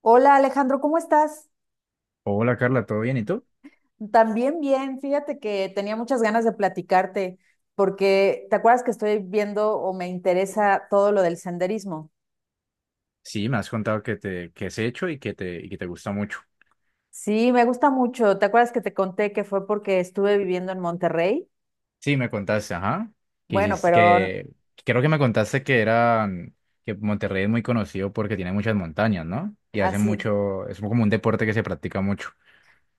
Hola Alejandro, ¿cómo estás? Hola Carla, ¿todo bien? ¿Y tú? También bien, fíjate que tenía muchas ganas de platicarte porque te acuerdas que estoy viendo o me interesa todo lo del senderismo. Sí, me has contado que te que has hecho y que te gusta mucho. Sí, me gusta mucho. ¿Te acuerdas que te conté que fue porque estuve viviendo en Monterrey? Sí, me contaste, ajá. Que Bueno, hiciste pero que creo que me contaste que Monterrey es muy conocido porque tiene muchas montañas, ¿no? Y hacen así, mucho, es como un deporte que se practica mucho.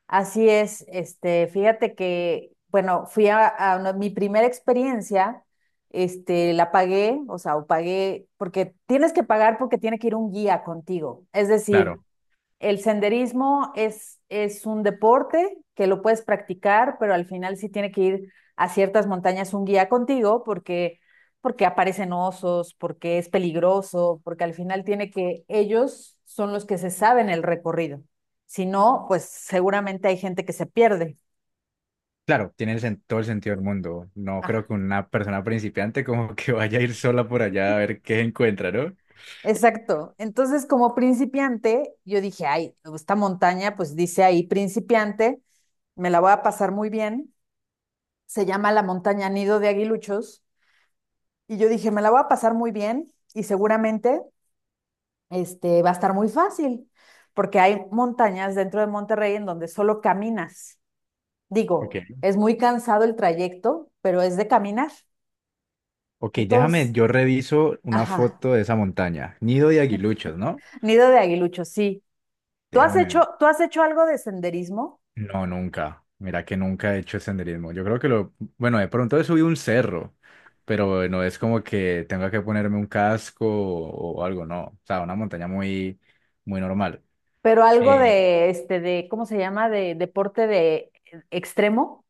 así es. Fíjate que, bueno, fui a mi primera experiencia. La pagué, o sea, o pagué, porque tienes que pagar porque tiene que ir un guía contigo. Es decir, Claro. el senderismo es un deporte que lo puedes practicar, pero al final sí tiene que ir a ciertas montañas un guía contigo, porque aparecen osos, porque es peligroso, porque al final tiene que, ellos son los que se saben el recorrido. Si no, pues seguramente hay gente que se pierde. Claro, tiene todo el sentido del mundo. No creo Ah, que una persona principiante como que vaya a ir sola por allá a ver qué encuentra, ¿no? exacto. Entonces, como principiante, yo dije, ay, esta montaña, pues dice ahí principiante, me la voy a pasar muy bien. Se llama la montaña Nido de Aguiluchos. Y yo dije, me la voy a pasar muy bien y seguramente va a estar muy fácil, porque hay montañas dentro de Monterrey en donde solo caminas. Digo, Ok. es muy cansado el trayecto, pero es de caminar. Ok, déjame, Entonces, yo reviso una ajá, foto de esa montaña. Nido de Aguiluchos, ¿no? nido de aguilucho, sí. ¿Tú has hecho, Déjame tú has hecho algo de senderismo, No, nunca. Mira que nunca he hecho senderismo. Yo creo que lo, bueno, de pronto he subido un cerro, pero no es como que tenga que ponerme un casco o algo, no. O sea, una montaña muy normal. pero algo Eh, de, cómo se llama? De deporte de extremo.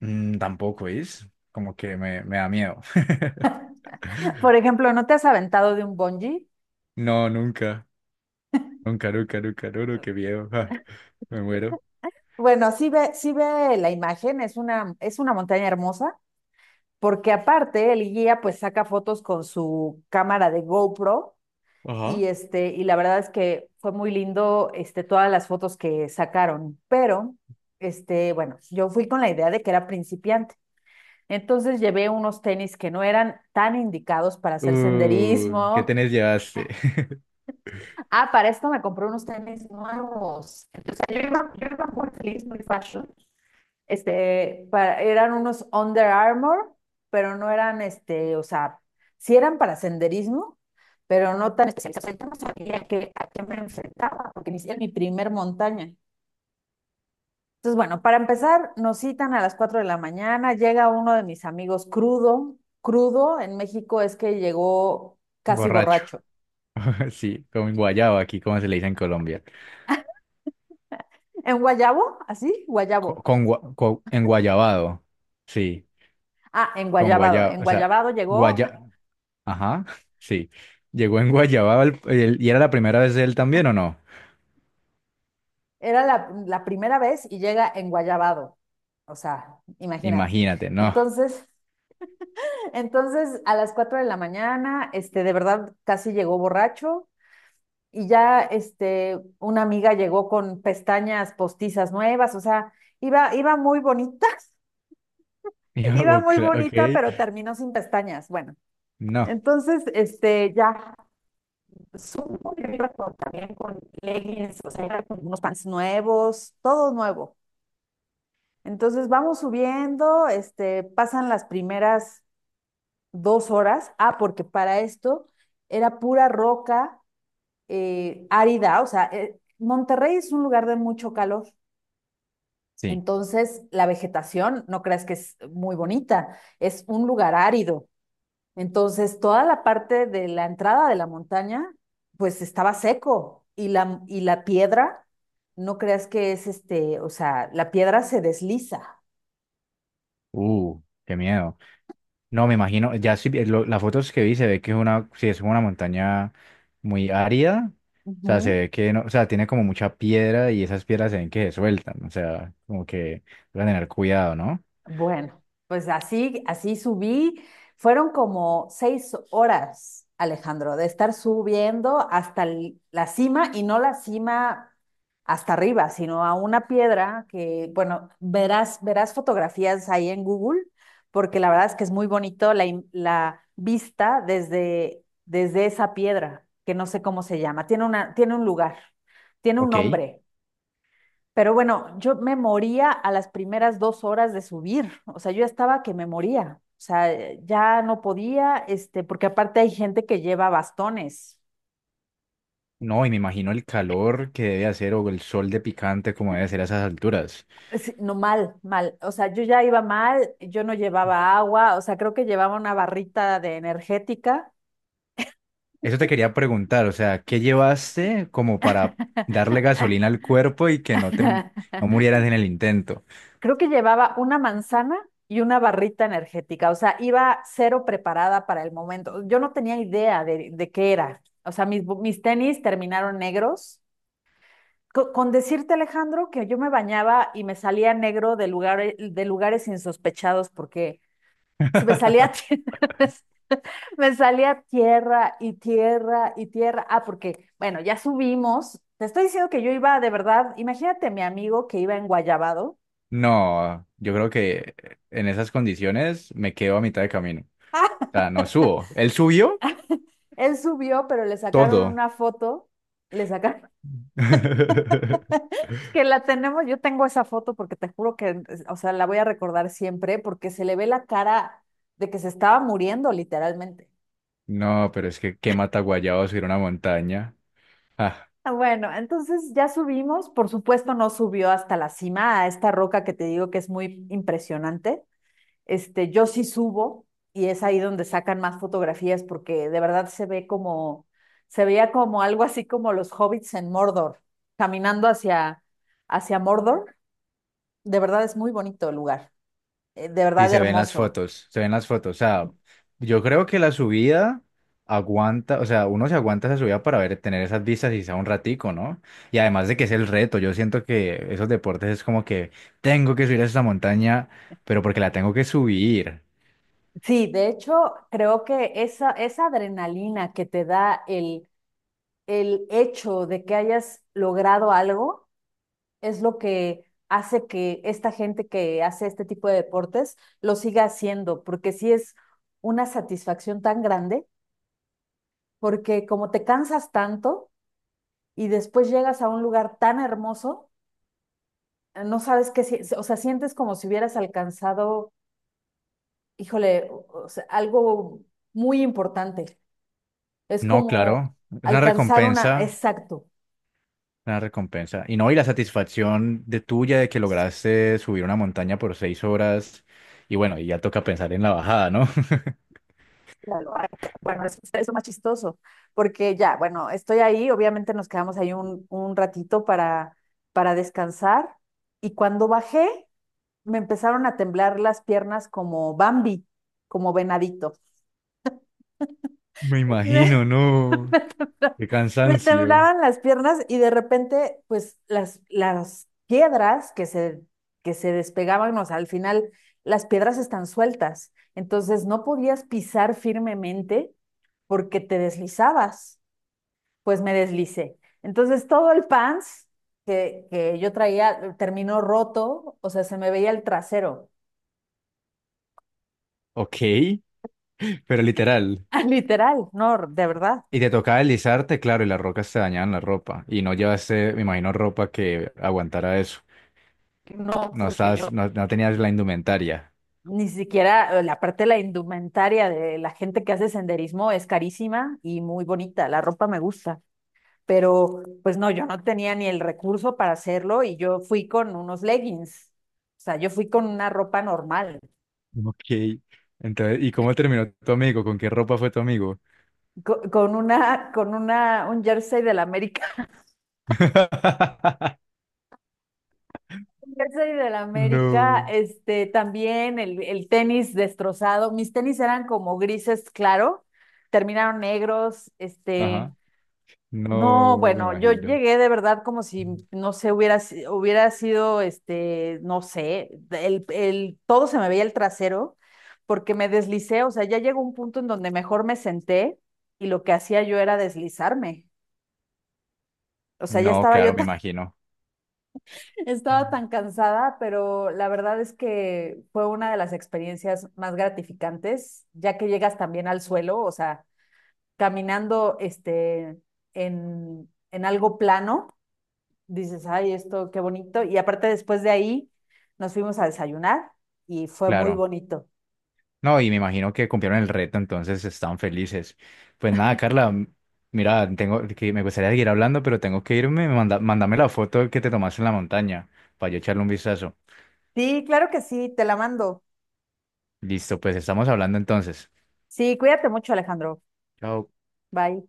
Tampoco es, como que me da miedo. Por ejemplo, ¿no te has aventado de un bungee? No, nunca, nunca, nunca, nunca, no, no, qué miedo. Ja, me muero. Bueno, sí ve la imagen, es una montaña hermosa, porque aparte el guía pues saca fotos con su cámara de GoPro, Ajá. y y la verdad es que fue muy lindo, todas las fotos que sacaron. Pero bueno, yo fui con la idea de que era principiante. Entonces llevé unos tenis que no eran tan indicados para hacer ¿Qué senderismo. tenés llevaste? Ah, para esto me compré unos tenis nuevos. Entonces yo iba muy feliz, muy fashion, para, eran unos Under Armour, pero no eran, o sea, sí eran para senderismo, pero no tan especializados. Yo no sabía que, a qué me enfrentaba, porque inicié mi primer montaña. Entonces, bueno, para empezar, nos citan a las 4 de la mañana, llega uno de mis amigos crudo, crudo en México es que llegó casi Borracho. borracho. Sí, como en guayabo aquí, como se le dice en Colombia. ¿En Guayabo? ¿Así? Guayabo. En guayabado, sí, Ah, en con Guayabado. guayaba, En o sea, Guayabado llegó. guaya, ajá, sí, llegó en guayabado y era la primera vez de él también o no, Era la primera vez y llega enguayabado. O sea, imagínate. imagínate, no, Entonces, entonces a las 4 de la mañana, de verdad casi llegó borracho, y ya una amiga llegó con pestañas postizas nuevas, o sea, iba muy bonita, Y iba yo, muy "Cla- bonita, ok, pero terminó sin pestañas. Bueno, no, entonces, ya supo que iba con, también con leggings, o sea, iba con unos pants nuevos, todo nuevo. Entonces vamos subiendo, pasan las primeras 2 horas. Ah, porque para esto era pura roca, árida, o sea, Monterrey es un lugar de mucho calor. sí, Entonces, la vegetación, no creas que es muy bonita, es un lugar árido. Entonces, toda la parte de la entrada de la montaña, pues estaba seco y y la piedra, no creas que es o sea, la piedra se desliza. Qué miedo, no, me imagino, ya sí, las fotos que vi se ve que es una, sí, es una montaña muy árida, o sea, se Ujú. ve que no, o sea, tiene como mucha piedra y esas piedras se ven que se sueltan, o sea, como que van a tener cuidado, ¿no? Bueno, pues así subí. Fueron como 6 horas, Alejandro, de estar subiendo hasta la cima, y no la cima hasta arriba, sino a una piedra que, bueno, verás fotografías ahí en Google, porque la verdad es que es muy bonito la vista desde esa piedra, que no sé cómo se llama. Tiene una, tiene un lugar, tiene un Ok. nombre. Pero bueno, yo me moría a las primeras 2 horas de subir, o sea, yo ya estaba que me moría, o sea, ya no podía, porque aparte hay gente que lleva bastones. No, y me imagino el calor que debe hacer o el sol de picante como debe ser a esas alturas. Sí, no, mal, mal. O sea, yo ya iba mal, yo no llevaba agua, o sea, creo que llevaba una barrita de energética, Eso te quería preguntar, o sea, ¿qué llevaste como para darle gasolina al cuerpo y que no murieras en el intento? creo que llevaba una manzana y una barrita energética, o sea, iba cero preparada para el momento. Yo no tenía idea de qué era. O sea, mis, mis tenis terminaron negros. Con decirte, Alejandro, que yo me bañaba y me salía negro de lugares insospechados porque se me salía, me salía tierra y tierra y tierra. Ah, porque, bueno, ya subimos. Te estoy diciendo que yo iba de verdad, imagínate mi amigo que iba en Guayabado. No, yo creo que en esas condiciones me quedo a mitad de camino. O sea, no subo. Él subió Él subió, pero le sacaron todo. una foto, le sacaron que la tenemos, yo tengo esa foto porque te juro que, o sea, la voy a recordar siempre porque se le ve la cara de que se estaba muriendo literalmente. No, pero es que qué mata guayabo subir una montaña. Ah, bueno, entonces ya subimos, por supuesto no subió hasta la cima, a esta roca que te digo que es muy impresionante. Yo sí subo y es ahí donde sacan más fotografías porque de verdad se ve como, se veía como algo así como los hobbits en Mordor, caminando hacia, hacia Mordor. De verdad es muy bonito el lugar, de Sí, verdad se ven las hermoso. fotos, se ven las fotos. O sea, yo creo que la subida aguanta, o sea, uno se aguanta esa subida para ver, tener esas vistas y sea un ratico, ¿no? Y además de que es el reto, yo siento que esos deportes es como que tengo que subir a esa montaña, pero porque la tengo que subir. Sí, de hecho creo que esa adrenalina que te da el hecho de que hayas logrado algo es lo que hace que esta gente que hace este tipo de deportes lo siga haciendo, porque sí es una satisfacción tan grande, porque como te cansas tanto y después llegas a un lugar tan hermoso, no sabes qué, o sea, sientes como si hubieras alcanzado, híjole, o sea, algo muy importante. Es No, como claro, es una alcanzar una, recompensa, exacto. una recompensa. Y no, y la satisfacción de tuya de que lograste subir una montaña por 6 horas. Y bueno, y ya toca pensar en la bajada, ¿no? La loaca. Bueno, eso es más chistoso, porque ya, bueno, estoy ahí, obviamente nos quedamos ahí un ratito para descansar, y cuando bajé me empezaron a temblar las piernas como Bambi, como venadito. Me Me, imagino, ¿no? Qué me cansancio. temblaban las piernas y de repente, pues las piedras que se despegaban, o sea, al final las piedras están sueltas, entonces no podías pisar firmemente porque te deslizabas. Pues me deslicé. Entonces todo el pants que yo traía terminó roto, o sea, se me veía el trasero, Ok, pero literal. literal, no, de verdad. Y te tocaba deslizarte, claro, y las rocas te dañaban la ropa. Y no llevaste, me imagino, ropa que aguantara eso. No, No porque yo estabas, no, no tenías la indumentaria. ni siquiera la parte de la indumentaria de la gente que hace senderismo es carísima y muy bonita, la ropa me gusta, pero pues no, yo no tenía ni el recurso para hacerlo, y yo fui con unos leggings, o sea, yo fui con una ropa normal, Ok. Entonces, ¿y cómo terminó tu amigo? ¿Con qué ropa fue tu amigo? Con una, un jersey del América. Yo soy del América, No. También el tenis destrozado. Mis tenis eran como grises, claro, terminaron negros, Ajá. no, No, me bueno, yo imagino. llegué de verdad como si, no sé, hubiera, hubiera sido, no sé, todo se me veía el trasero porque me deslicé, o sea, ya llegó un punto en donde mejor me senté y lo que hacía yo era deslizarme. O sea, ya No, estaba yo. claro, me imagino. Estaba tan cansada, pero la verdad es que fue una de las experiencias más gratificantes, ya que llegas también al suelo, o sea, caminando en algo plano, dices, ay, esto qué bonito. Y aparte después de ahí nos fuimos a desayunar y fue muy Claro. bonito. No, y me imagino que cumplieron el reto, entonces están felices. Pues nada, Carla, mira, tengo que me gustaría seguir hablando, pero tengo que irme. Mándame la foto que te tomaste en la montaña para yo echarle un vistazo. Sí, claro que sí, te la mando. Listo, pues estamos hablando entonces. Sí, cuídate mucho, Alejandro. Chao. Bye.